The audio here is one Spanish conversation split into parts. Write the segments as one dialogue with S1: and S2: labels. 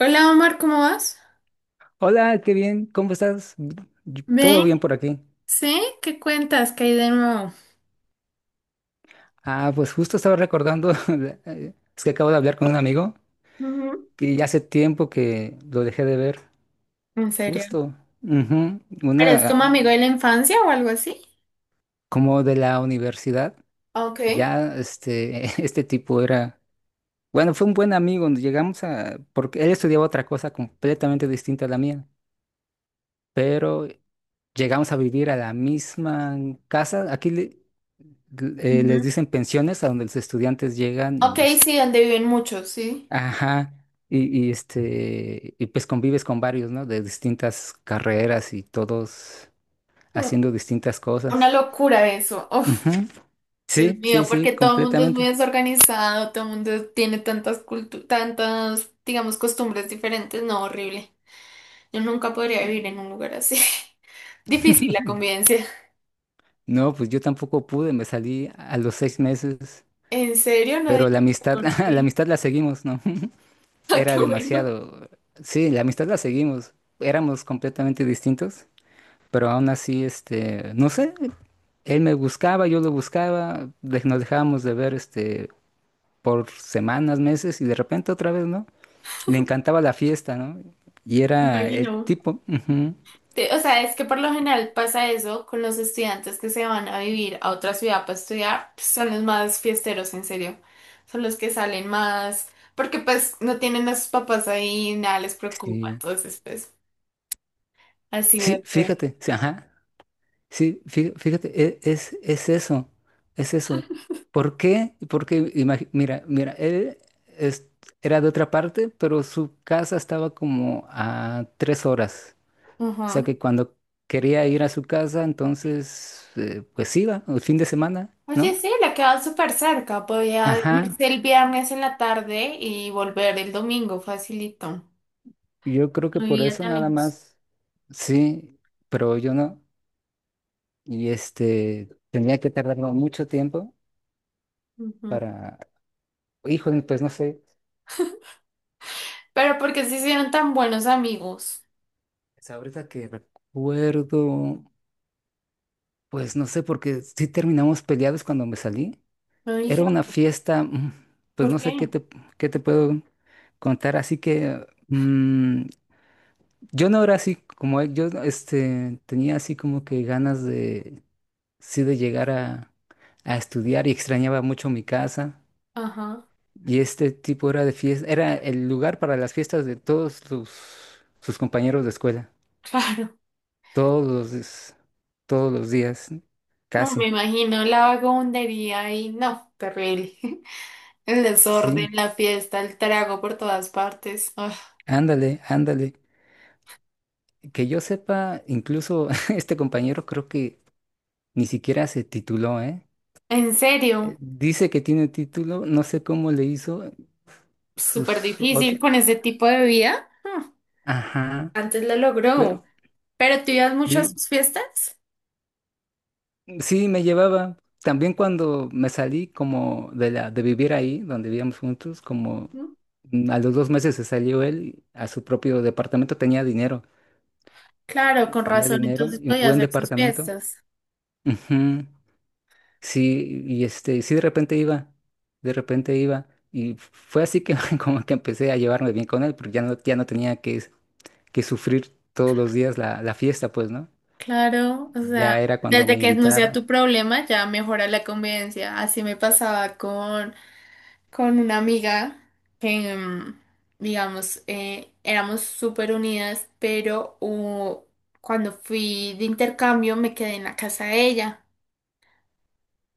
S1: Hola Omar, ¿cómo vas?
S2: Hola, qué bien, ¿cómo estás? Todo
S1: ¿Ven?
S2: bien por aquí.
S1: ¿Sí? ¿Qué cuentas? ¿Qué hay de nuevo?
S2: Pues justo estaba recordando, es que acabo de hablar con un amigo
S1: Ujú.
S2: que ya hace tiempo que lo dejé de ver,
S1: ¿En serio?
S2: justo. Ujú.
S1: ¿Eres
S2: Una,
S1: como amigo de la infancia o algo así?
S2: como de la universidad,
S1: Okay.
S2: ya este, este tipo era, bueno, fue un buen amigo, llegamos a, porque él estudiaba otra cosa completamente distinta a la mía, pero llegamos a vivir a la misma casa. Aquí
S1: Ujú.
S2: les dicen pensiones a donde los estudiantes llegan
S1: Ok,
S2: y este,
S1: sí, donde viven muchos, sí.
S2: ajá, y este, y pues convives con varios, ¿no? De distintas carreras y todos
S1: Mm.
S2: haciendo distintas
S1: Una
S2: cosas.
S1: locura eso. Uf,
S2: Ujú.
S1: Dios
S2: Sí, sí,
S1: mío,
S2: sí,
S1: porque todo el mundo es muy
S2: completamente.
S1: desorganizado, todo el mundo tiene tantas, digamos, costumbres diferentes. No, horrible. Yo nunca podría vivir en un lugar así. Difícil la convivencia.
S2: No, pues yo tampoco pude, me salí a los 6 meses,
S1: ¿En serio? No
S2: pero la
S1: digas
S2: amistad,
S1: por
S2: la
S1: qué.
S2: amistad la seguimos, ¿no?
S1: Ah,
S2: Era
S1: qué bueno.
S2: demasiado. Sí, la amistad la seguimos. Éramos completamente distintos, pero aún así, este, no sé, él me buscaba, yo lo buscaba, nos dejábamos de ver, este, por semanas, meses, y de repente otra vez, ¿no? Le encantaba la fiesta, ¿no? Y
S1: Me
S2: era el
S1: imagino.
S2: tipo, ujú,
S1: Sí, o sea, es que por lo general pasa eso con los estudiantes que se van a vivir a otra ciudad para estudiar, pues, son los más fiesteros, en serio. Son los que salen más, porque pues no tienen a sus papás ahí, nada les preocupa,
S2: sí,
S1: entonces pues así
S2: sí,
S1: debe ser.
S2: fíjate, sí, ajá, sí, fíjate, es eso, es eso. ¿Por qué? Porque, mira, es- era de otra parte, pero su casa estaba como a 3 horas. Sea
S1: Ajá.
S2: que cuando quería ir a su casa, entonces, pues iba, el fin de semana,
S1: Oye,
S2: ¿no?
S1: sí, le quedaba súper cerca, podía
S2: Ajá,
S1: irse el viernes en la tarde y volver el domingo, facilito.
S2: yo creo que
S1: No
S2: por
S1: vivía
S2: eso
S1: tan
S2: nada
S1: lejos.
S2: más, sí, pero yo no. Y este, tenía que tardarme mucho tiempo
S1: Ujú.
S2: para, híjole, pues no sé,
S1: ¿Pero porque qué se hicieron tan buenos amigos?
S2: es ahorita que recuerdo, pues no sé, porque sí terminamos peleados cuando me salí.
S1: No dije,
S2: Era una
S1: "Ah,
S2: fiesta, pues
S1: ¿por
S2: no
S1: qué?"
S2: sé qué te puedo contar, así que... yo no era así, como él, yo este, tenía así como que ganas de, sí, de llegar a estudiar y extrañaba mucho mi casa.
S1: Ajá,
S2: Y este tipo era de fiesta, era el lugar para las fiestas de todos sus, sus compañeros de escuela,
S1: claro.
S2: todos los, des- todos los días,
S1: No, me
S2: casi.
S1: imagino la vagabundería y no, terrible. El
S2: Sí,
S1: desorden, la fiesta, el trago por todas partes. Ah,
S2: ándale, ándale. Que yo sepa, incluso este compañero creo que ni siquiera se tituló, ¿eh?
S1: en serio,
S2: Dice que tiene título, no sé cómo le hizo
S1: súper
S2: sus
S1: difícil
S2: otros.
S1: con ese tipo de vida. Ah,
S2: Ajá,
S1: antes lo logró.
S2: pero
S1: ¿Pero tú ibas mucho a
S2: bien,
S1: sus fiestas?
S2: sí me llevaba. También cuando me salí como de la de vivir ahí, donde vivíamos juntos, como
S1: Ujú.
S2: a los 2 meses se salió él a su propio departamento,
S1: Claro, con
S2: tenía
S1: razón,
S2: dinero
S1: entonces
S2: y un
S1: podía
S2: buen
S1: hacer sus
S2: departamento.
S1: fiestas.
S2: Ujú. Sí, y este, sí de repente iba, y fue así que como que empecé a llevarme bien con él, porque ya no, ya no tenía que sufrir todos los días la fiesta, pues, ¿no?
S1: Claro, o sea,
S2: Ya era cuando
S1: desde
S2: me
S1: que no sea tu
S2: invitaba.
S1: problema ya mejora la convivencia. Así me pasaba con una amiga que, mm, digamos, éramos súper unidas, pero cuando fui de intercambio me quedé en la casa de ella.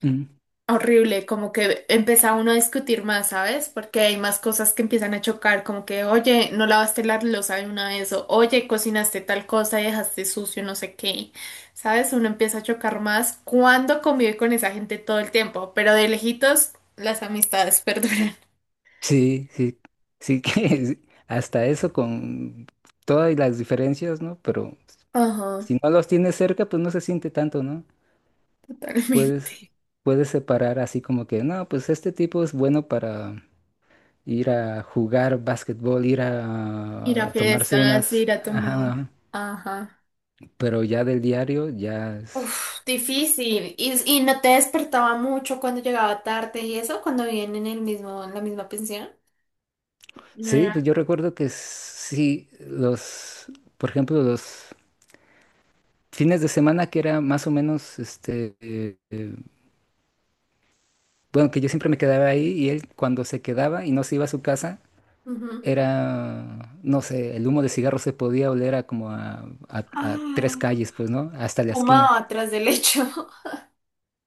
S2: Mm.
S1: Horrible, como que empieza uno a discutir más, ¿sabes? Porque hay más cosas que empiezan a chocar, como que, oye, no lavaste la loza de una vez, o oye, cocinaste tal cosa y dejaste sucio, no sé qué, ¿sabes? Uno empieza a chocar más cuando convive con esa gente todo el tiempo, pero de lejitos las amistades perduran.
S2: Sí, sí, sí que hasta eso con todas las diferencias, ¿no? Pero
S1: Ajá.
S2: si no los tienes cerca, pues no se siente tanto, ¿no? Puedes,
S1: Totalmente.
S2: puedes separar así como que, no, pues este tipo es bueno para ir a jugar básquetbol, ir
S1: Ir a
S2: a tomarse
S1: fiestas,
S2: unas,
S1: ir a
S2: ajá,
S1: tomar.
S2: ajá.
S1: Ajá.
S2: Pero ya del diario, ya es...
S1: Uf, difícil. Y no te despertaba mucho cuando llegaba tarde y eso, cuando vivían en el mismo, en la misma pensión? No
S2: Sí, pues
S1: era.
S2: yo recuerdo que sí, los, por ejemplo, los fines de semana que era más o menos, este, eh, bueno, que yo siempre me quedaba ahí y él cuando se quedaba y no se iba a su casa,
S1: Ujú.
S2: era, no sé, el humo de cigarro se podía oler a como a, a tres
S1: Ah,
S2: calles, pues, ¿no? Hasta la esquina.
S1: fumaba atrás del lecho.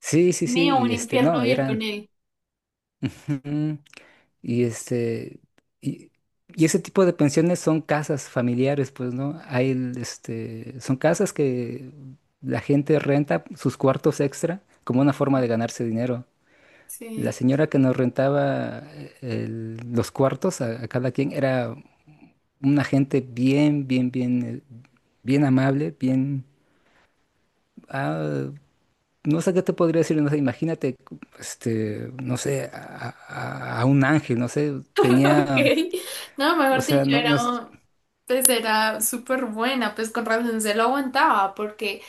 S2: Sí, sí, sí,
S1: mío, un
S2: y este,
S1: infierno
S2: no,
S1: vivir con
S2: eran,
S1: él.
S2: ujú, y este, y, y ese tipo de pensiones son casas familiares, pues, ¿no? Este, son casas que la gente renta sus cuartos extra como una forma de ganarse dinero. La
S1: Sí.
S2: señora que nos rentaba los cuartos a cada quien era una gente bien, bien, bien, bien amable, bien... ah, no sé qué te podría decir, no sé, imagínate, este, no sé, a un ángel, no sé, tenía,
S1: Ok. No,
S2: o
S1: mejor
S2: sea,
S1: dicho,
S2: no,
S1: era,
S2: nos...
S1: pues era súper buena, pues con razón se lo aguantaba, porque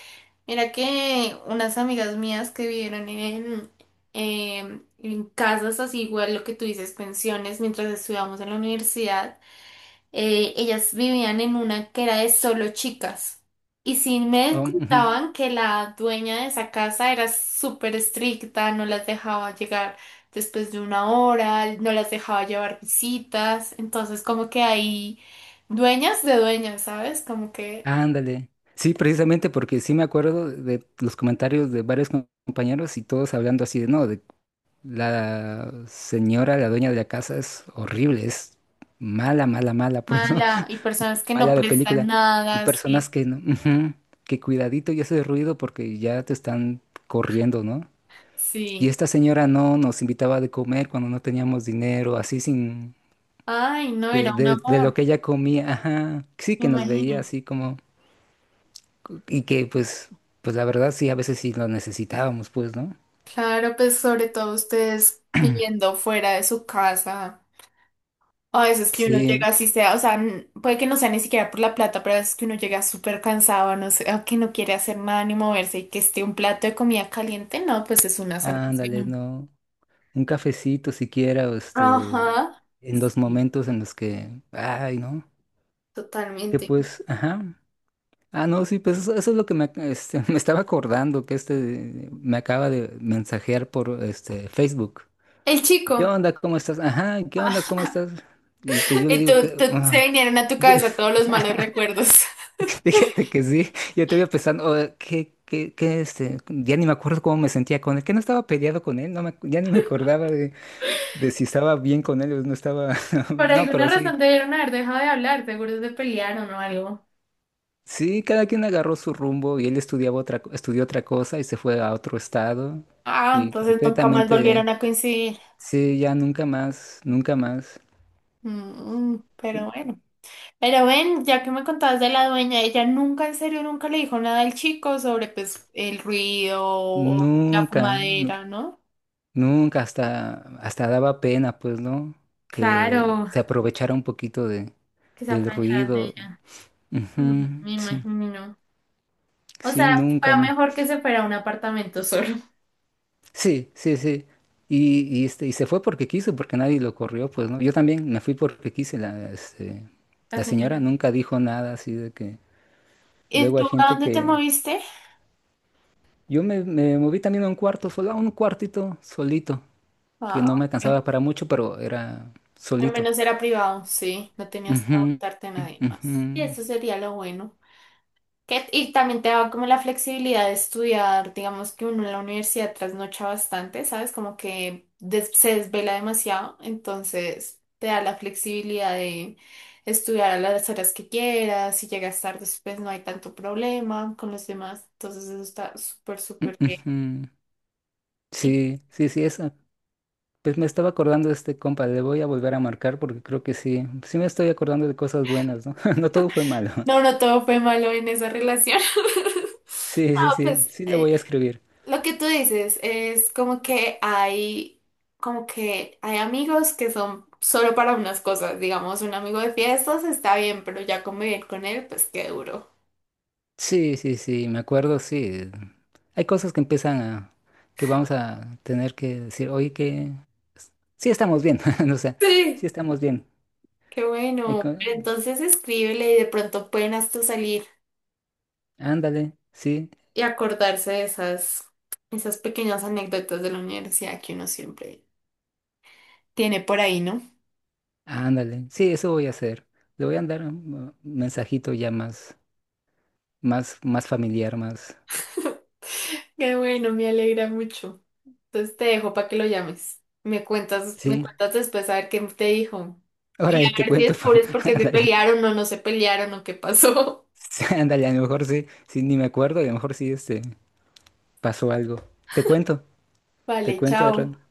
S1: era que unas amigas mías que vivieron en casas así, igual lo que tú dices, pensiones, mientras estudiábamos en la universidad, ellas vivían en una que era de solo chicas. Y sí me
S2: Oh, ujú,
S1: contaban que la dueña de esa casa era súper estricta, no las dejaba llegar después de una hora, no las dejaba llevar visitas. Entonces, como que hay dueñas de dueñas, ¿sabes? Como que
S2: ándale. Sí, precisamente porque sí me acuerdo de los comentarios de varios compañeros y todos hablando así de, no, de la señora, la dueña de la casa es horrible, es mala, mala, mala, pues, ¿no?
S1: mala y personas que no
S2: Mala de
S1: prestan
S2: película. Y
S1: nada,
S2: personas
S1: sí,
S2: que no, ujú, que cuidadito y hace ruido porque ya te están corriendo, ¿no? Y
S1: sí.
S2: esta señora no nos invitaba de comer cuando no teníamos dinero, así sin...
S1: Ay, no, era un
S2: De lo
S1: amor,
S2: que ella comía, ajá. Sí,
S1: me
S2: que nos veía
S1: imagino.
S2: así como... Y que pues, pues la verdad sí, a veces sí lo necesitábamos, pues, ¿no?
S1: Claro, pues sobre todo ustedes viviendo fuera de su casa. A veces que uno llega
S2: Sí,
S1: así sea, o sea, puede que no sea ni siquiera por la plata, pero a veces que uno llega súper cansado, no sé, o que no quiere hacer nada ni moverse y que esté un plato de comida caliente, no, pues es una
S2: ándale,
S1: salvación.
S2: no. Un cafecito siquiera, o este,
S1: Ajá.
S2: en los
S1: Sí,
S2: momentos en los que, ay, ¿no? Que
S1: totalmente.
S2: pues, ajá. Ah, no, sí, pues eso es lo que me, este, me estaba acordando, que este me acaba de mensajear por este Facebook.
S1: El
S2: ¿Qué
S1: chico.
S2: onda? ¿Cómo estás? Ajá, ¿qué onda? ¿Cómo estás? Y pues yo le
S1: y
S2: digo que,
S1: se
S2: ah,
S1: vinieron a tu
S2: yo-
S1: cabeza todos los malos recuerdos.
S2: fíjate que sí, yo te pensando, oh, ¿qué, qué, qué, este? Ya ni me acuerdo cómo me sentía con él, que no estaba peleado con él, no me, ya ni me acordaba de si estaba bien con él o no estaba.
S1: Por
S2: No, pero
S1: alguna razón
S2: sí.
S1: debieron haber dejado de hablar, seguro se pelearon o algo.
S2: Sí, cada quien agarró su rumbo y él estudiaba otra, estudió otra cosa y se fue a otro estado.
S1: Ah,
S2: Y
S1: entonces nunca más
S2: completamente,
S1: volvieron a coincidir.
S2: sí, ya nunca más, nunca más,
S1: Mm, pero bueno. Pero ven, ya que me contabas de la dueña, ella nunca, en serio, nunca le dijo nada al chico sobre pues el ruido o la
S2: nunca,
S1: fumadera, ¿no?
S2: nunca hasta, hasta daba pena, pues, ¿no? Que
S1: Claro,
S2: se aprovechara un poquito de,
S1: que se
S2: del
S1: aprovecharan de
S2: ruido.
S1: ella. Mm,
S2: Ujú,
S1: me
S2: sí,
S1: imagino. O
S2: sí,
S1: sea,
S2: nunca.
S1: fue mejor que se fuera a un apartamento solo,
S2: Sí, sí, sí. Y este, y se fue porque quiso, porque nadie lo corrió, pues, ¿no? Yo también me fui porque quise. La, este,
S1: la
S2: la señora
S1: señora.
S2: nunca dijo nada así de que...
S1: ¿Y
S2: Luego
S1: tú
S2: hay
S1: a
S2: gente
S1: dónde te
S2: que...
S1: moviste?
S2: Yo me moví también a un cuarto, solo a un cuartito solito, que
S1: Ah,
S2: no me
S1: ok.
S2: alcanzaba para mucho, pero era
S1: Al
S2: solito.
S1: menos era privado, sí, no tenías que
S2: Ujú,
S1: aguantarte a nadie
S2: ujú,
S1: más. Y eso sería lo bueno. Que, y también te daba como la flexibilidad de estudiar, digamos que uno en la universidad trasnocha bastante, ¿sabes? Como que se desvela demasiado, entonces te da la flexibilidad de estudiar a las horas que quieras, si llegas tarde, pues no hay tanto problema con los demás, entonces eso está súper, súper bien.
S2: ujú.
S1: Y
S2: Sí, sí, sí, eso. Pues me estaba acordando de este compa, le voy a volver a marcar porque creo que sí, sí me estoy acordando de cosas buenas, ¿no? No todo fue malo.
S1: no, no todo fue malo en esa relación.
S2: Sí, sí,
S1: Ah,
S2: sí,
S1: pues
S2: sí le voy a escribir.
S1: lo que tú dices es como que como que hay amigos que son solo para unas cosas. Digamos, un amigo de fiestas está bien, pero ya convivir con él, pues qué duro.
S2: Sí, sí, sí, me acuerdo, sí. Hay cosas que empiezan a, que vamos a tener que decir, oye, que sí estamos bien, o sea, sí
S1: Sí.
S2: estamos bien.
S1: Qué
S2: Hay
S1: bueno. Pero entonces escríbele y de pronto pueden hasta salir
S2: ándale, sí,
S1: y acordarse de esas pequeñas anécdotas de la universidad que uno siempre tiene por ahí, ¿no?
S2: ándale, sí, eso voy a hacer. Le voy a andar un mensajito ya más, más, más familiar, más,
S1: Qué bueno, me alegra mucho. Entonces te dejo para que lo llames. Me
S2: sí.
S1: cuentas después a ver qué te dijo.
S2: Ahora
S1: Y a
S2: ahí te
S1: ver si
S2: cuento,
S1: descubres por qué se
S2: ándale,
S1: pelearon o no se pelearon o qué pasó.
S2: sí, ándale, a lo mejor sí, sí, ni me acuerdo y a lo mejor sí, este, pasó algo. Te cuento, te
S1: Vale,
S2: cuento, Errol.
S1: chao.